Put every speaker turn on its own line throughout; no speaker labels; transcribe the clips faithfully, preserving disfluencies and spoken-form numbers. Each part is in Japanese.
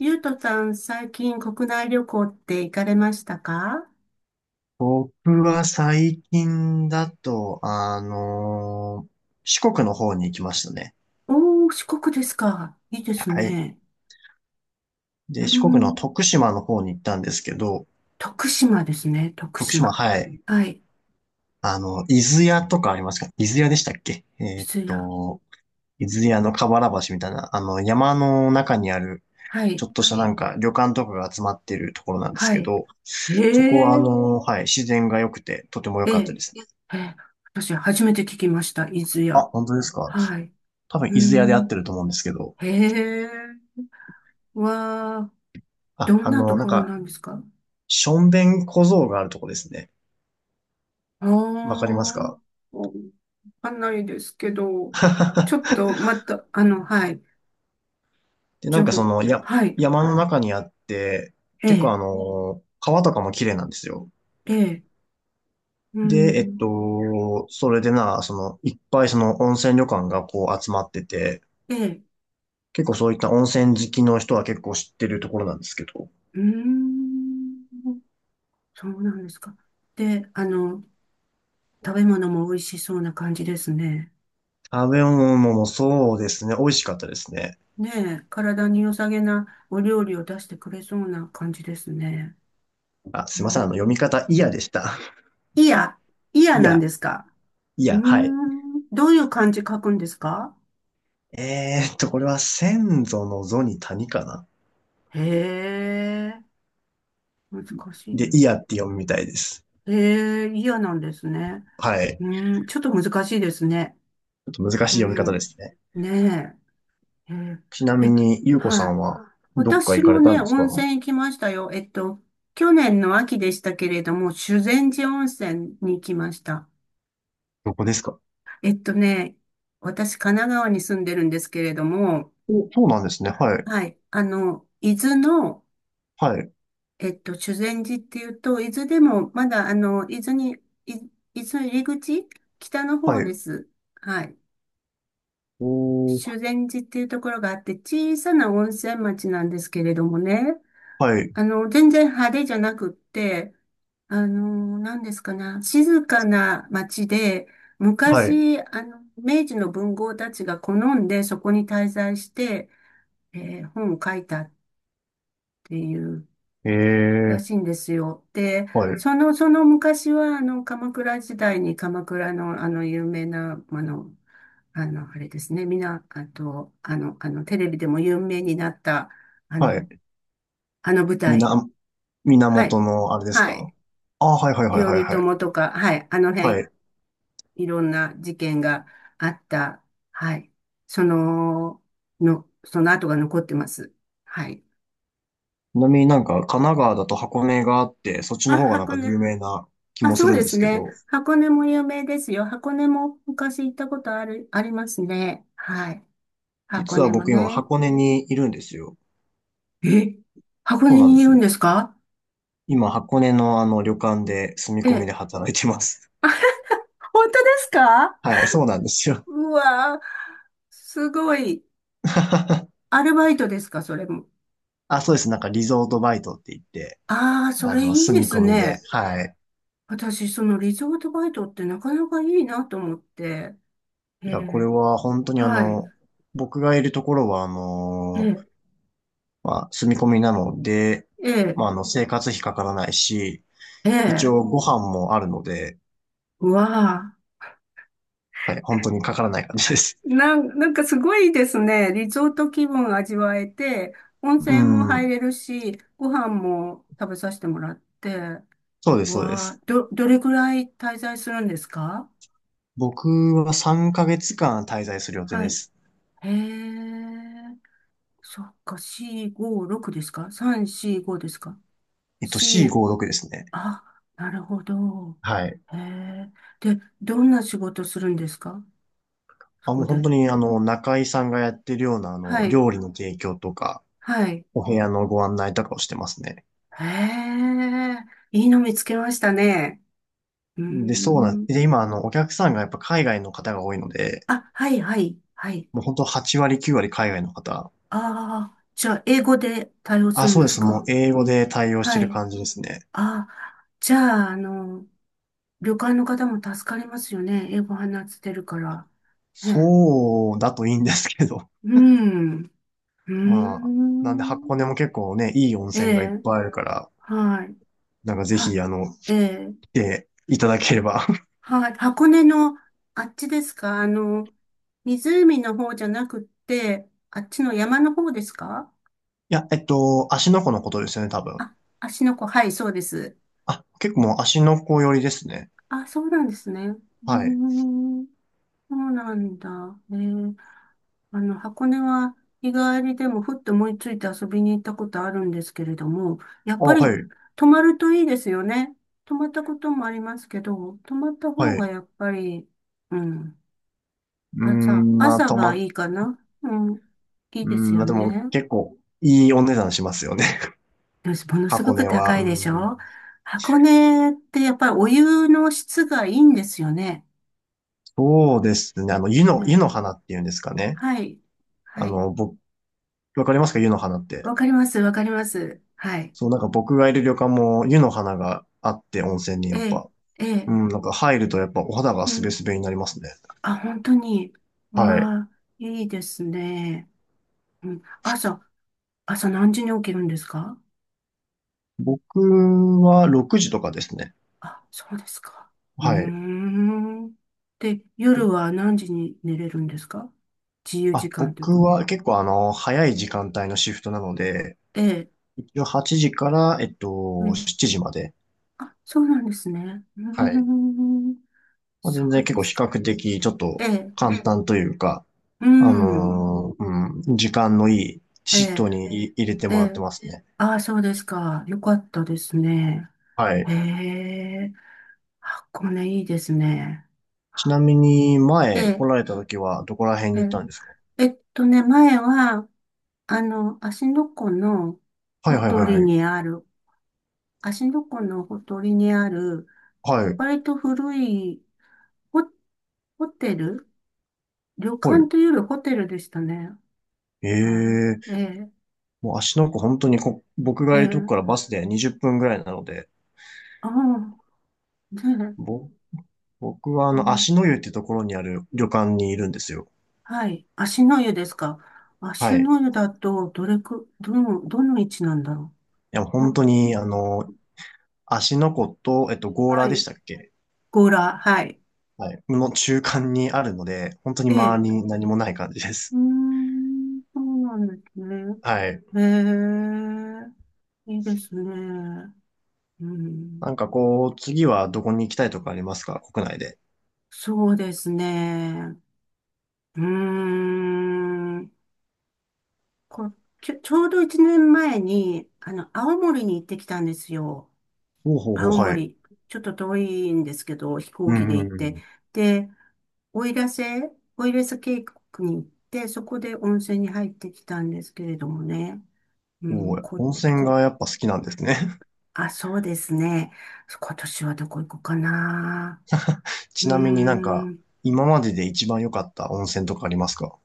ゆうとさん、最近国内旅行って行かれましたか？
僕は最近だと、あのー四国の方に行きましたね。
おー、四国ですか。いいです
はい。
ね。うー
で、四国の
ん、
徳島の方に行ったんですけど、
徳島ですね、徳
徳島、
島。
はい。
はい、
あの、伊豆屋とかありますか？伊豆屋でしたっけ？
伊
えーっ
豆や。
と、伊豆屋の河原橋みたいな、あの、山の中にある、
は
ちょ
い、
っとしたなんか旅館とかが集まってるところなんですけ
は
ど、
い。え
そこはあ
え
のーはい、自然が良くて、とても良
え
かった
え、
ですね。
ええ、私初めて聞きました、伊豆
あ、
や。
本当ですか？
はい。う
多分
ー
伊豆屋で合っ
ん、
てると思うんですけど、
へえ、わあ、
あ、
どん
あ
なと
の、なん
ころ
か、
なんですか？
しょんべん小僧があるとこですね。
ああ
わかります
ー、
か？
わかんないですけど、ちょっ とまた、あの、はい。
で、なん
情
かそ
報。
の、や、
はい。
山の中にあって、
え
結構
え、
あの、川とかも綺麗なんですよ。
ええ、うー
で、えっ
ん、
と、それでな、その、いっぱいその温泉旅館がこう集まってて、
ええ、
結構そういった温泉好きの人は結構知ってるところなんですけど、
うーん、そうなんですか。で、あの、食べ物も美味しそうな感じですね。
食べ物もそうですね、美味しかったですね。
ねえ、体に良さげなお料理を出してくれそうな感じですね。
あ、
う
す
ー
いません、あの、読み
ん、
方、いやでした。
いや、い や
い
なん
や、
ですか。
い
うー
や、はい。
ん、どういう漢字書くんですか？
えーっと、これは先祖の祖に谷かな。
へえ、難しい
で、
の？
イヤって読むみたいです。
へえ、いやなんですね。
はい。
うーん、ちょっと難しいですね。
ちょっと難
う
しい読み方で
ん。
すね。
ねえ。えー
ちなみ
え
に、ゆうこさ
はい。
んはどっか
私
行か
も
れたん
ね、
です
温
か？
泉行きましたよ。えっと、去年の秋でしたけれども、修善寺温泉に行きました。
どこですか？
えっとね、私、神奈川に住んでるんですけれども、
お、そうなんですね。はい。
はい。あの、伊豆の、
はい。
えっと、修善寺っていうと、伊豆でも、まだ、あの、伊豆に、い伊豆入り口、北の
は
方で
い。
す。はい。
お
修
ー、
善寺っていうところがあって、小さな温泉町なんですけれどもね。
はい。
あの、全然派手じゃなくって、あの、何ですかね、静かな町で、
はい。
昔、あの、明治の文豪たちが好んでそこに滞在して、えー本を書いたっていう
え
ら
ー、
しいんですよ。で、
はい。
その、その昔は、あの、鎌倉時代に鎌倉の、あの、有名な、あの、あの、あれですね、みな、あと、あの、あの、テレビでも有名になった、あ
は
の、
い。
あの舞
み
台。
な、
は
源
い。
のあれです
はい。
か？あ、はいはいはいはい
頼
はい。
朝とか、はい、あの
は
辺、
い。
いろんな事件があった、はい、その、の、その後が残ってます。はい。
ちなみになんか神奈川だと箱根があって、そっちの
あ、
方がなん
箱
か有
根。
名な気
あ、
もす
そう
るん
で
で
す
すけ
ね。
ど、
箱根も有名ですよ。箱根も昔行ったことある、ありますね。はい。箱
実は
根も
僕今
ね。
箱根にいるんですよ。
え、箱
そう
根
なん
に
で
い
す
る
よ。
んですか？
今、箱根のあの旅館で住み
え
込みで
え。
働いてます。
本当ですか？
はい、そうなんですよ。
うわー、すごい。アルバイトですか、それも。
あ、そうです。なんかリゾートバイトって言って、
ああ、そ
あ
れ
の、
いい
住
で
み
す
込みで。
ね。
はい。
私、そのリゾートバイトってなかなかいいなと思って、え
いや、これ
え、
は本当にあ
はい、
の、僕がいるところはあ
え
の、
え、
まあ、住み込みなので、
ええ、
まあ、あの、生活費かからないし、
え
一
え、
応ご飯もあるので、
うわあ、
はい、本当にかからない感じです。
なん、なんかすごいですね。リゾート気分味わえて、温
う
泉も入
ん。
れるし、ご飯も食べさせてもらって、
そうで
う
す、そうで
わあ、
す。
ど、どれくらい滞在するんですか？
僕はさんかげつかん滞在する予定
は
で
い。
す。
へえ、そっか、よん、ご、ろくですか ?さん、よん、ごですか
えっと、
?よん、
シーごじゅうろく ですね。
あ、なるほど。
はい。
へえ。で、どんな仕事するんですか？そ
あ、もう
こ
本
で。
当にあの、中井さんがやってるようなあ
は
の、
い。
料理の提供とか、
はい。
お部屋のご案内とかをしてますね。
へえ。いいの見つけましたね。うー
で、そうなん、
ん。
で、今あの、お客さんがやっぱ海外の方が多いので、
あ、はい、はい、はい。
もう本当はちわり割、きゅうわり割海外の方。
ああ、じゃあ、英語で対応す
あ、
るん
そう
で
で
す
す。もう
か？
英語で対応して
は
る
い。
感じですね。
ああ、じゃあ、あの、旅館の方も助かりますよね。英語話してるから。ね。
そうだといいんですけど。
うん。うー
まあ、なんで
ん。
箱根も結構ね、いい温
え
泉がいっ
え、
ぱいあるから、
はい。
なんかぜ
は、
ひあの、来
ええ
ていただければ。
はい、箱根のあっちですか？あの、湖の方じゃなくって、あっちの山の方ですか？
いや、えっと、芦ノ湖のことですよね、多分。
あ、芦ノ湖、はい、そうです。
あ、結構もう芦ノ湖寄りですね。
あ、そうなんですね。うー
はい。
ん、そうなんだ。ね、あの、箱根は日帰りでもふっと思いついて遊びに行ったことあるんですけれども、やっ
あ、
ぱり
はい、
泊まるといいですよね。泊まったこともありますけど、泊まった
は
方
い。
が
う
やっぱり、うん、
ー
朝、
ん、まあ
朝
と
が
ま、
いいかな。うん。いい
うー
です
ん、ま
よ
あ、でも
ね。
結構いいお値段しますよね。
よし、ものすご
箱
く
根は。
高
う
いで
ー
し
ん、
ょ？箱根ってやっぱりお湯の質がいいんですよね。
そうですね。あの、湯の、湯
ね。
の花っていうんですかね。
はい。
あ
はい。
の、僕、わかりますか？湯の花って。
わかります、わかります。はい。
そう、なんか僕がいる旅館も湯の花があって温泉に
え
やっ
え、
ぱ。
え
う
え。
ん、なんか入るとやっぱお肌が
う
すべ
ん。
すべになりますね。
あ、本当に。
はい。
わあ、いいですね。うん。朝、朝何時に起きるんですか？
僕はろくじとかですね。
あ、そうですか。うー
はい。
ん。で、夜は何時に寝れるんですか？自由時
あ、
間という
僕
か。
は結構あの、早い時間帯のシフトなので、
ええ。
一応はちじから、えっ
う
と、
ん。
しちじまで。
あ、そうなんですね。う
はい。
ーん。
まあ、
そ
全然
う
結
で
構
す
比
か。
較的ちょっ
え
と
え。
簡単というか、
う
あ
ん。
のーうん、時間のいい
え
シッ
え。
トにい入れて
え
もらって
え。
ますね。
ああ、そうですか。よかったですね。
は
へ
い。
え。箱根いいですね。
ちなみに
え
前来
え。
られた時はどこら辺
え
に行っ
え。
たんですか？
えっとね、前は、あの、芦ノ湖の
はい
ほ
はいは
と
い
り
はい。
にある芦ノ湖のほとりにある、
はい。
割と古いホ、ホテル旅
は
館
い。
というよりホテルでしたね。は
え
い。え
え、
え、
もう足の子本当にこ、僕
え
がいるとこ
え、
からバスでにじゅっぷんぐらいなので、
ああ、ね
ぼ、僕はあ
え、う
の
ん、
足の湯ってところにある旅館にいるんですよ。
はい。芦の湯ですか。
は
芦
い。
の湯
い
だと、どれく、どの、どの位置なんだろ
や、
う。う
本
ん
当に、あのー芦ノ湖と、えっと、強
は
羅でし
い。
たっけ？
強羅、はい。
はい。の中間にあるので、本当に
え
周り
え、
に何もない感じで
うー
す。
ん、そうなんですね。
はい。
ええ、いいですね。うん、
なんかこう、次はどこに行きたいとかありますか？国内で。
そうですね。うーん。こう、ちょ、ちょうどいちねんまえに、あの、青森に行ってきたんですよ。
ほうほうほう、
青
はい。
森。ちょっと遠いんですけど、飛
う
行機で
んう
行っ
んう
て。
ん。
で、奥入瀬、奥入瀬渓谷に行って、そこで温泉に入ってきたんですけれどもね。う
お
ん、
ー、
こ、
温泉
こ、
がやっぱ好きなんですね。
あ、そうですね。今年はどこ行こうかな。う
ち
ー
なみになんか、
ん。
今までで一番良かった温泉とかありますか？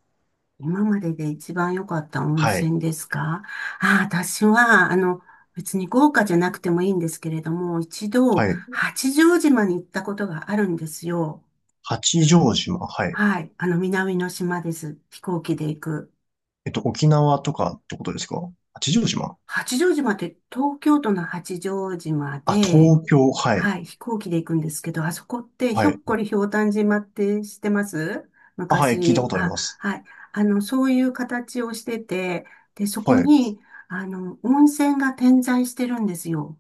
今までで一番良かった温
はい。
泉ですか？ああ、私は、あの、別に豪華じゃなくてもいいんですけれども、一度、
はい。
八丈島に行ったことがあるんですよ。
八丈島、はい。
はい。あの、南の島です。飛行機で行く。
えっと、沖縄とかってことですか？八丈島。
八丈島って東京都の八丈島
あ、
で、
東京、はい。
はい、飛行機で行くんですけど、あそこってひ
は
ょっ
い。
こりひょうたん島って知ってます？
あ、はい、聞いた
昔。
ことあり
あ、
ます。
はい。あの、そういう形をしてて、で、そこ
はい。
に、あの、温泉が点在してるんですよ。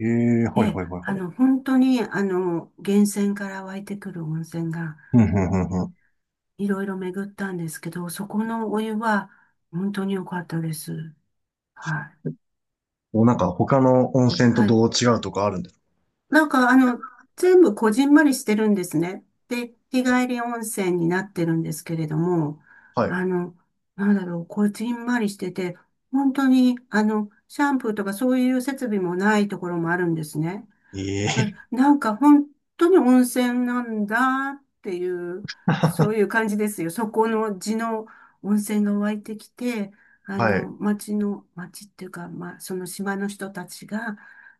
ええ、はい
で、
はいはい
あ
はい。
の、本当に、あの、源泉から湧いてくる温泉が、
うん、うん、うん、うん。
いろいろ巡ったんですけど、そこのお湯は、本当に良かったです。はい。
もうなんか他の温泉と
はい。
どう違うとかあるんです
なんか、あの、全部こじんまりしてるんですね。で、日帰り温泉になってるんですけれども、
か？はい。
あの、なんだろう、こじんまりしてて、本当に、あの、シャンプーとかそういう設備もないところもあるんですね。
え
あ
え、
なんか本当に温泉なんだっていう、そういう感じですよ。そこの地の温泉が湧いてきて、あ
は
の、
い。
町の、町っていうか、まあ、その島の人たちが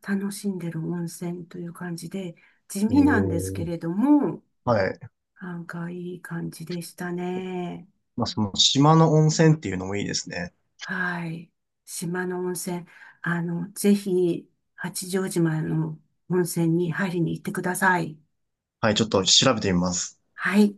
楽しんでる温泉という感じで、地
え
味なんですけ
え、
れども、
はい。
なんかいい感じでしたね。
まあ、その島の温泉っていうのもいいですね。
はい。島の温泉、あの、ぜひ、八丈島の温泉に入りに行ってください。
はい、ちょっと調べてみます。
はい。